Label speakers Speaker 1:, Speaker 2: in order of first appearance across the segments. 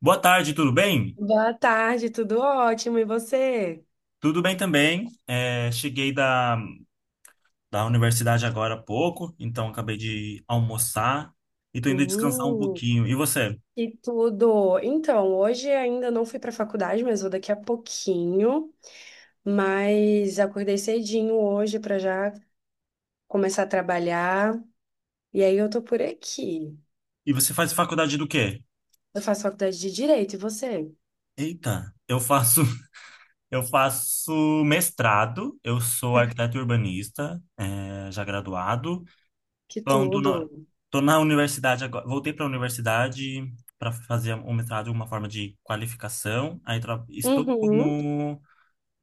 Speaker 1: Boa tarde, tudo bem?
Speaker 2: Boa tarde, tudo ótimo. E você?
Speaker 1: Tudo bem também. Cheguei da universidade agora há pouco, então acabei de almoçar e tô indo descansar um
Speaker 2: Hum,
Speaker 1: pouquinho. E você?
Speaker 2: e tudo. Então, hoje ainda não fui para a faculdade, mas vou daqui a pouquinho. Mas acordei cedinho hoje para já começar a trabalhar. E aí eu tô por aqui.
Speaker 1: E você faz faculdade do quê?
Speaker 2: Eu faço faculdade de Direito, e você?
Speaker 1: Eita, eu faço eu faço mestrado, eu sou arquiteto urbanista, é, já graduado.
Speaker 2: Que
Speaker 1: Então, tô
Speaker 2: tudo.
Speaker 1: na, tô na universidade agora, voltei para a universidade para fazer um mestrado, uma forma de qualificação. Aí estou
Speaker 2: Uhum,
Speaker 1: como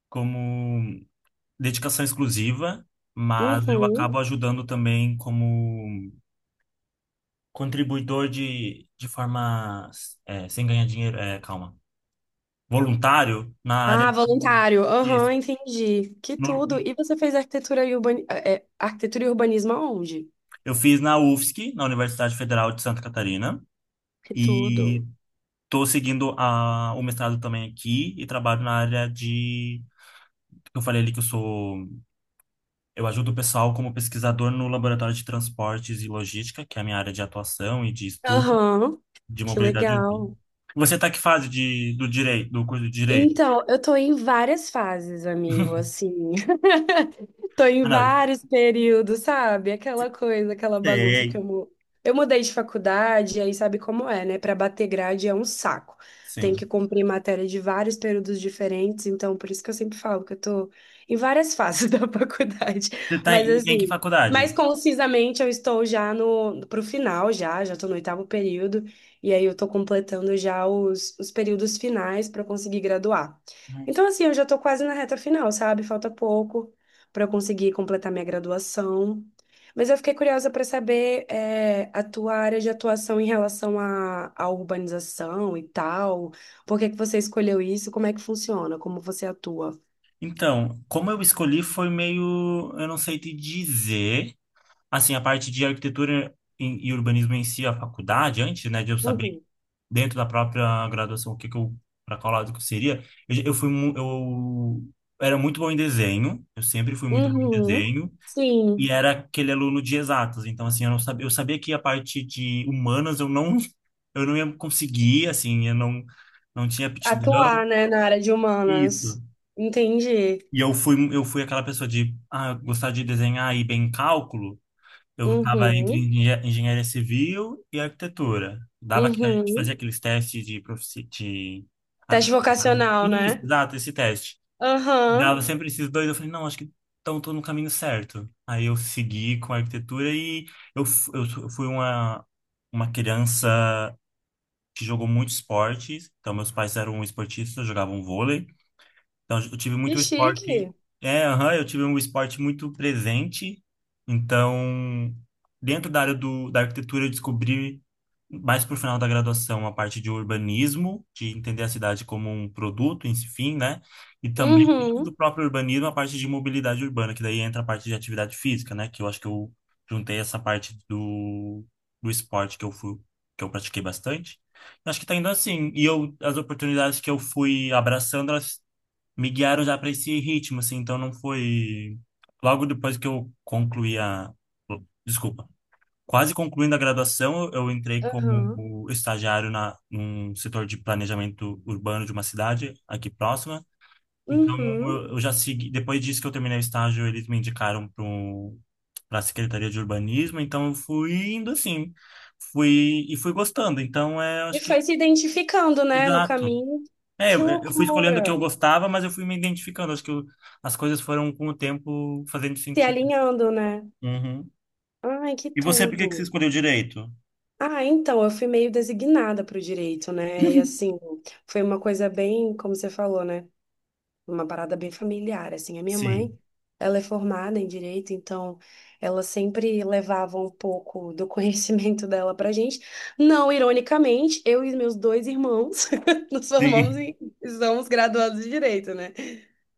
Speaker 1: como dedicação exclusiva, mas eu
Speaker 2: uhum.
Speaker 1: acabo ajudando também como contribuidor de forma é, sem ganhar dinheiro, é, calma, voluntário na área
Speaker 2: Ah,
Speaker 1: de,
Speaker 2: voluntário.
Speaker 1: isso.
Speaker 2: Aham, entendi. Que
Speaker 1: No-
Speaker 2: tudo. E você fez arquitetura e arquitetura e urbanismo aonde?
Speaker 1: eu fiz na UFSC, na Universidade Federal de Santa Catarina,
Speaker 2: Que tudo.
Speaker 1: e estou seguindo a, o mestrado também aqui e trabalho na área de eu falei ali que eu sou, eu ajudo o pessoal como pesquisador no laboratório de transportes e logística, que é a minha área de atuação e de estudo.
Speaker 2: Aham.
Speaker 1: De
Speaker 2: Que
Speaker 1: mobilidade urbana.
Speaker 2: legal.
Speaker 1: Você tá que fase do direito, do curso de direito?
Speaker 2: Então, eu tô em várias fases, amigo, assim. Tô em
Speaker 1: Ah, não,
Speaker 2: vários períodos, sabe? Aquela coisa, aquela bagunça que
Speaker 1: sei,
Speaker 2: eu mudei de faculdade, aí sabe como é, né? Pra bater grade é um saco. Tem
Speaker 1: sim.
Speaker 2: que cumprir matéria de vários períodos diferentes, então por isso que eu sempre falo que eu tô em várias fases da faculdade.
Speaker 1: Você tá
Speaker 2: Mas
Speaker 1: em que
Speaker 2: assim, mais
Speaker 1: faculdade?
Speaker 2: concisamente eu estou já no pro final já, já tô no oitavo período, e aí eu tô completando já os períodos finais pra conseguir graduar. Então assim, eu já tô quase na reta final, sabe? Falta pouco para eu conseguir completar minha graduação. Mas eu fiquei curiosa para saber a tua área de atuação em relação à urbanização e tal. Por que que você escolheu isso? Como é que funciona? Como você atua?
Speaker 1: Então, como eu escolhi foi meio, eu não sei te dizer, assim, a parte de arquitetura e urbanismo em si, a faculdade, antes, né, de eu saber
Speaker 2: Uhum.
Speaker 1: dentro da própria graduação o que que eu, para qual lado que eu seria, eu era muito bom em desenho, eu sempre fui muito bom em
Speaker 2: Uhum.
Speaker 1: desenho. E
Speaker 2: Sim.
Speaker 1: era aquele aluno de exatas. Então, assim, eu não sabia, eu sabia que a parte de humanas eu não, eu não ia conseguir, assim, eu não, não tinha aptidão.
Speaker 2: Atuar, né, na área de
Speaker 1: Isso.
Speaker 2: humanas. Entendi.
Speaker 1: Eu fui aquela pessoa de ah, gostar de desenhar e bem cálculo. Eu estava entre
Speaker 2: Uhum.
Speaker 1: engenharia civil e arquitetura. Dava que a gente
Speaker 2: Uhum.
Speaker 1: fazia aqueles testes de, de
Speaker 2: Teste
Speaker 1: aptidão.
Speaker 2: vocacional,
Speaker 1: Isso,
Speaker 2: né?
Speaker 1: exato, esse teste. E dava
Speaker 2: Aham.
Speaker 1: sempre esses dois, eu falei, não, acho que então tô no caminho certo. Aí eu segui com a arquitetura e eu fui uma criança que jogou muito esportes. Então meus pais eram esportistas, jogavam vôlei. Então, eu tive
Speaker 2: Que
Speaker 1: muito esporte.
Speaker 2: chique.
Speaker 1: É, aham, eu tive um esporte muito presente. Então, dentro da área da arquitetura, eu descobri mais pro final da graduação a parte de urbanismo, de entender a cidade como um produto, enfim, né? E também dentro do
Speaker 2: Uhum.
Speaker 1: próprio urbanismo a parte de mobilidade urbana, que daí entra a parte de atividade física, né? Que eu acho que eu juntei essa parte do esporte que eu fui, que eu pratiquei bastante. Acho que tá indo assim. E eu, as oportunidades que eu fui abraçando, elas me guiaram já para esse ritmo, assim, então não foi. Logo depois que eu concluí a. Desculpa. Quase concluindo a graduação, eu entrei
Speaker 2: Aham.
Speaker 1: como estagiário na, num setor de planejamento urbano de uma cidade aqui próxima. Então,
Speaker 2: Uhum.
Speaker 1: eu já segui. Depois disso que eu terminei o estágio, eles me indicaram para a Secretaria de Urbanismo. Então, eu fui indo assim. Fui, e fui gostando. Então, é,
Speaker 2: E
Speaker 1: acho que.
Speaker 2: foi se identificando, né, no
Speaker 1: Exato.
Speaker 2: caminho. Que
Speaker 1: Eu fui escolhendo o que eu
Speaker 2: loucura!
Speaker 1: gostava, mas eu fui me identificando. Acho que eu as coisas foram com o tempo fazendo
Speaker 2: Se
Speaker 1: sentido.
Speaker 2: alinhando, né?
Speaker 1: Uhum.
Speaker 2: Ai, que
Speaker 1: E você, por que que você
Speaker 2: tudo!
Speaker 1: escolheu direito?
Speaker 2: Ah, então, eu fui meio designada para o direito, né? E assim, foi uma coisa bem, como você falou, né? Uma parada bem familiar. Assim, a minha mãe,
Speaker 1: Sim.
Speaker 2: ela é formada em direito, então ela sempre levava um pouco do conhecimento dela pra gente. Não, ironicamente, eu e meus dois irmãos nos formamos
Speaker 1: Sim.
Speaker 2: e somos graduados de direito, né?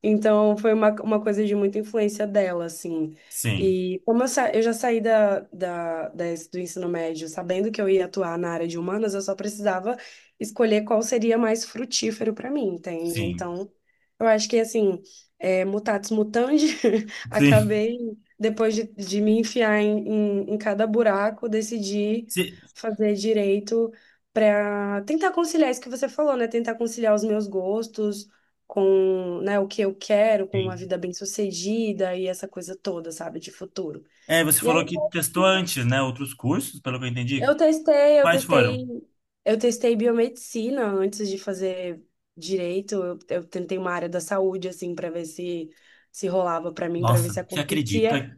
Speaker 2: Então, foi uma coisa de muita influência dela, assim.
Speaker 1: Sim.
Speaker 2: E como eu já saí do ensino médio sabendo que eu ia atuar na área de humanas, eu só precisava escolher qual seria mais frutífero para mim, entende?
Speaker 1: Sim.
Speaker 2: Então, eu acho que, assim, mutatis mutandi,
Speaker 1: Sim.
Speaker 2: acabei, depois de me enfiar em cada buraco, decidi
Speaker 1: Se-
Speaker 2: fazer direito para tentar conciliar isso que você falou, né? Tentar conciliar os meus gostos com, né, o que eu quero, com uma
Speaker 1: Sim.
Speaker 2: vida bem-sucedida e essa coisa toda, sabe, de futuro.
Speaker 1: É, você
Speaker 2: E aí
Speaker 1: falou que
Speaker 2: eu acho
Speaker 1: testou
Speaker 2: que
Speaker 1: antes, né? Outros cursos, pelo que eu entendi.
Speaker 2: eu testei, eu
Speaker 1: Quais foram?
Speaker 2: testei, eu testei biomedicina antes de fazer direito. Eu tentei uma área da saúde assim para ver se se rolava para mim, para ver
Speaker 1: Nossa,
Speaker 2: se
Speaker 1: você
Speaker 2: acontecia,
Speaker 1: acredita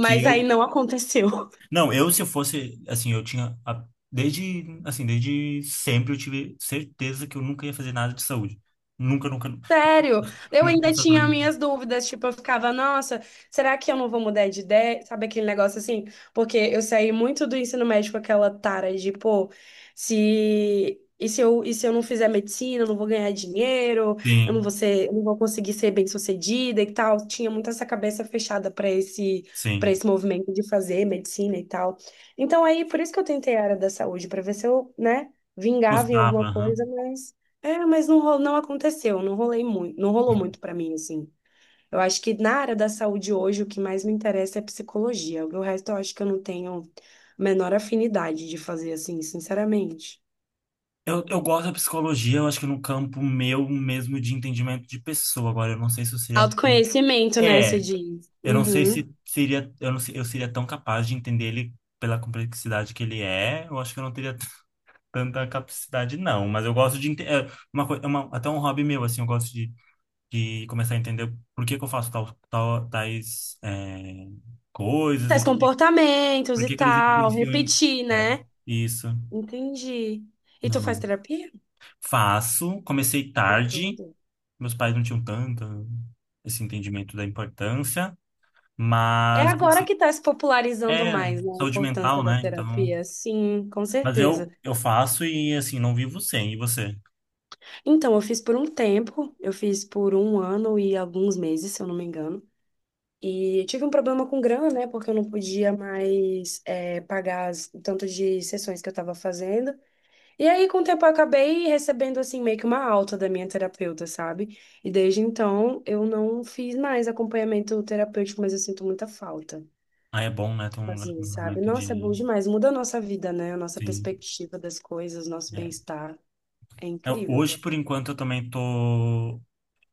Speaker 1: que
Speaker 2: aí
Speaker 1: eu.
Speaker 2: não aconteceu.
Speaker 1: Não, eu se eu fosse. Assim, eu tinha. A- Desde. Assim, desde sempre eu tive certeza que eu nunca ia fazer nada de saúde. Nunca, nunca.
Speaker 2: Sério, eu
Speaker 1: Nunca
Speaker 2: ainda
Speaker 1: passou pela
Speaker 2: tinha
Speaker 1: minha.
Speaker 2: minhas dúvidas, tipo, eu ficava, nossa, será que eu não vou mudar de ideia? Sabe aquele negócio assim? Porque eu saí muito do ensino médio com aquela tara de, pô, se e se eu, e se eu não fizer medicina, eu não vou ganhar dinheiro,
Speaker 1: Sim.
Speaker 2: eu não vou conseguir ser bem-sucedida e tal. Tinha muito essa cabeça fechada para
Speaker 1: Sim.
Speaker 2: esse movimento de fazer medicina e tal. Então aí, por isso que eu tentei a área da saúde, para ver se eu, né, vingava em
Speaker 1: Gostava,
Speaker 2: alguma
Speaker 1: aham.
Speaker 2: coisa, mas não, não aconteceu, não rolou muito pra mim, assim. Eu acho que na área da saúde hoje o que mais me interessa é psicologia. O resto eu acho que eu não tenho a menor afinidade de fazer assim, sinceramente.
Speaker 1: Eu gosto da psicologia, eu acho que no campo meu mesmo de entendimento de pessoa. Agora, eu não sei se eu seria. Tão-
Speaker 2: Autoconhecimento, né, você
Speaker 1: É,
Speaker 2: diz?
Speaker 1: eu não sei
Speaker 2: Uhum.
Speaker 1: se seria. Eu não sei eu seria tão capaz de entender ele pela complexidade que ele é. Eu acho que eu não teria tanta capacidade, não. Mas eu gosto de. Ente- É é uma, até um hobby meu, assim, de começar a entender por que que eu faço tais é, coisas e
Speaker 2: Teste comportamentos
Speaker 1: por
Speaker 2: e
Speaker 1: que que eles
Speaker 2: tal,
Speaker 1: influenciam em.
Speaker 2: repetir,
Speaker 1: É,
Speaker 2: né?
Speaker 1: isso.
Speaker 2: Entendi. E tu
Speaker 1: Não,
Speaker 2: faz
Speaker 1: não.
Speaker 2: terapia?
Speaker 1: Faço, comecei
Speaker 2: Que
Speaker 1: tarde,
Speaker 2: tudo.
Speaker 1: meus pais não tinham tanto esse entendimento da importância,
Speaker 2: É
Speaker 1: mas
Speaker 2: agora
Speaker 1: comecei
Speaker 2: que tá se popularizando
Speaker 1: é
Speaker 2: mais, né, a
Speaker 1: saúde
Speaker 2: importância
Speaker 1: mental,
Speaker 2: da
Speaker 1: né? Então,
Speaker 2: terapia. Sim, com
Speaker 1: mas
Speaker 2: certeza.
Speaker 1: eu faço e assim não vivo sem. E você?
Speaker 2: Então, eu fiz por um ano e alguns meses, se eu não me engano. E tive um problema com grana, né? Porque eu não podia mais pagar o tanto de sessões que eu tava fazendo. E aí, com o tempo, eu acabei recebendo, assim, meio que uma alta da minha terapeuta, sabe? E desde então, eu não fiz mais acompanhamento terapêutico, mas eu sinto muita falta.
Speaker 1: Ah, é bom, né? Ter lugar
Speaker 2: Assim,
Speaker 1: um
Speaker 2: sabe?
Speaker 1: momento
Speaker 2: Nossa, é bom
Speaker 1: de
Speaker 2: demais. Muda a nossa vida, né? A nossa
Speaker 1: sim.
Speaker 2: perspectiva das coisas, nosso
Speaker 1: é.
Speaker 2: bem-estar. É
Speaker 1: Eu
Speaker 2: incrível.
Speaker 1: hoje, por enquanto, eu também tô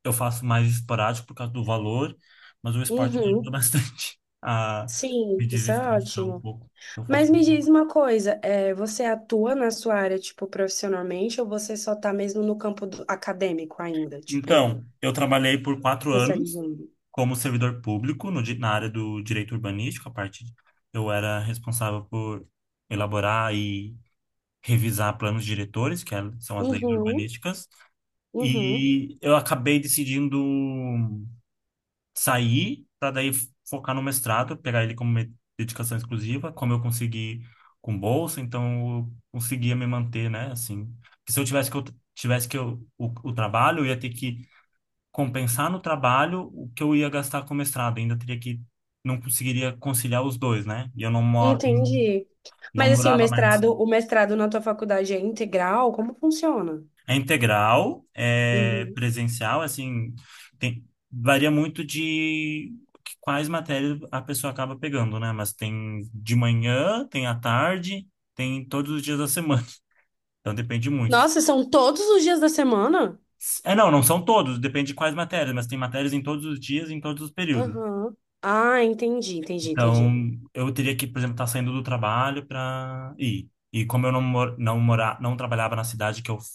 Speaker 1: eu faço mais esporádico por causa do valor, mas o esporte me ajuda
Speaker 2: Uhum.
Speaker 1: bastante a
Speaker 2: Sim,
Speaker 1: me
Speaker 2: isso é
Speaker 1: desestressar um
Speaker 2: ótimo.
Speaker 1: pouco. Eu faço.
Speaker 2: Mas me diz uma coisa, você atua na sua área, tipo, profissionalmente, ou você só tá mesmo no campo acadêmico ainda, tipo,
Speaker 1: Então, eu trabalhei por 4 anos
Speaker 2: especializando?
Speaker 1: como servidor público no, di- na área do direito urbanístico. A parte eu era responsável por elaborar e revisar planos diretores, que é- são as leis
Speaker 2: Uhum,
Speaker 1: urbanísticas.
Speaker 2: uhum.
Speaker 1: E eu acabei decidindo sair para daí focar no mestrado, pegar ele como dedicação exclusiva, como eu consegui com bolsa, então eu conseguia me manter, né? Assim, porque se eu tivesse que eu, o trabalho, eu ia ter que compensar no trabalho o que eu ia gastar com o mestrado. Ainda teria que, não conseguiria conciliar os dois, né? E eu não, mo-
Speaker 2: Entendi.
Speaker 1: não
Speaker 2: Mas assim,
Speaker 1: morava mais. Assim.
Speaker 2: o mestrado na tua faculdade é integral? Como funciona?
Speaker 1: É integral, é
Speaker 2: Uhum.
Speaker 1: presencial, assim, tem, varia muito de quais matérias a pessoa acaba pegando, né? Mas tem de manhã, tem à tarde, tem todos os dias da semana. Então depende muito. Assim.
Speaker 2: Nossa, são todos os dias da semana?
Speaker 1: É, não, não são todos, depende de quais matérias, mas tem matérias em todos os dias, em todos os períodos.
Speaker 2: Aham. Ah, entendi, entendi,
Speaker 1: Então,
Speaker 2: entendi.
Speaker 1: eu teria que, por exemplo, estar saindo do trabalho para ir. E como eu não mor não morar, não trabalhava na cidade que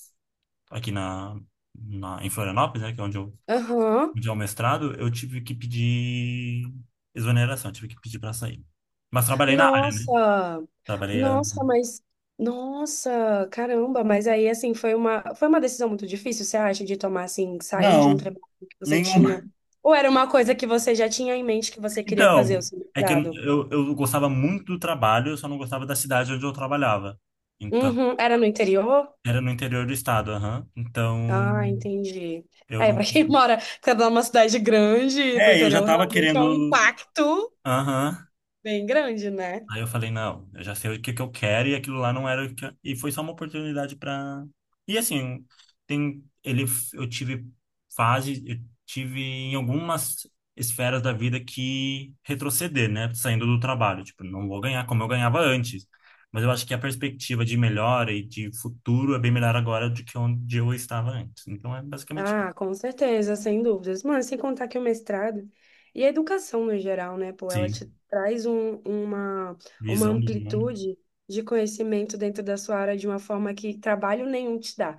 Speaker 1: aqui na em Florianópolis, né, que é
Speaker 2: Aham.
Speaker 1: onde é o mestrado, eu tive que pedir exoneração, eu tive que pedir para sair. Mas trabalhei na área,
Speaker 2: Nossa,
Speaker 1: trabalhei ano.
Speaker 2: nossa, mas nossa, caramba, mas aí assim foi uma decisão muito difícil, você acha, de tomar assim, sair de um
Speaker 1: Não,
Speaker 2: trabalho que você tinha,
Speaker 1: nenhuma.
Speaker 2: ou era uma coisa que você já tinha em mente que você queria fazer
Speaker 1: Então,
Speaker 2: o seu
Speaker 1: é que
Speaker 2: mestrado?
Speaker 1: eu gostava muito do trabalho, eu só não gostava da cidade onde eu trabalhava. Então,
Speaker 2: Uhum, era no interior?
Speaker 1: era no interior do estado, aham. Então,
Speaker 2: Ah, entendi.
Speaker 1: eu
Speaker 2: É,
Speaker 1: não
Speaker 2: para quem mora cada uma cidade grande, pro
Speaker 1: é, eu já
Speaker 2: interior
Speaker 1: tava
Speaker 2: realmente é um
Speaker 1: querendo.
Speaker 2: impacto
Speaker 1: Aham.
Speaker 2: bem grande, né?
Speaker 1: Aí eu falei, não, eu já sei o que que eu quero e aquilo lá não era o que eu e foi só uma oportunidade para e assim, tem ele eu tive fase, eu tive em algumas esferas da vida que retroceder, né, saindo do trabalho, tipo, não vou ganhar como eu ganhava antes. Mas eu acho que a perspectiva de melhora e de futuro é bem melhor agora do que onde eu estava antes. Então é basicamente
Speaker 2: Ah,
Speaker 1: isso.
Speaker 2: com certeza, sem dúvidas. Mano, sem contar que o mestrado e a educação no geral, né, pô, ela
Speaker 1: Sim,
Speaker 2: te traz uma
Speaker 1: visão do mundo.
Speaker 2: amplitude de conhecimento dentro da sua área de uma forma que trabalho nenhum te dá.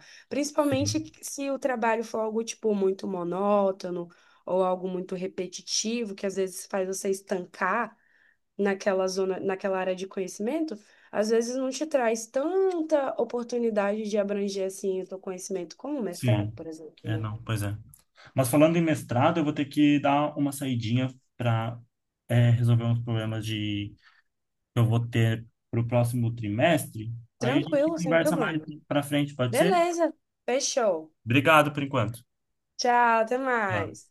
Speaker 1: Sim.
Speaker 2: Principalmente se o trabalho for algo, tipo, muito monótono ou algo muito repetitivo, que às vezes faz você estancar naquela zona, naquela área de conhecimento, às vezes não te traz tanta oportunidade de abranger, assim, o teu conhecimento como o mestrado,
Speaker 1: Sim.
Speaker 2: por exemplo,
Speaker 1: É,
Speaker 2: né?
Speaker 1: não, pois é. Mas falando em mestrado, eu vou ter que dar uma saidinha para resolver uns problemas de que eu vou ter para o próximo trimestre. Aí a gente
Speaker 2: Tranquilo, sem
Speaker 1: conversa mais
Speaker 2: problema.
Speaker 1: para frente, pode ser?
Speaker 2: Beleza, fechou.
Speaker 1: Obrigado por enquanto.
Speaker 2: Tchau, até
Speaker 1: Tchau.
Speaker 2: mais.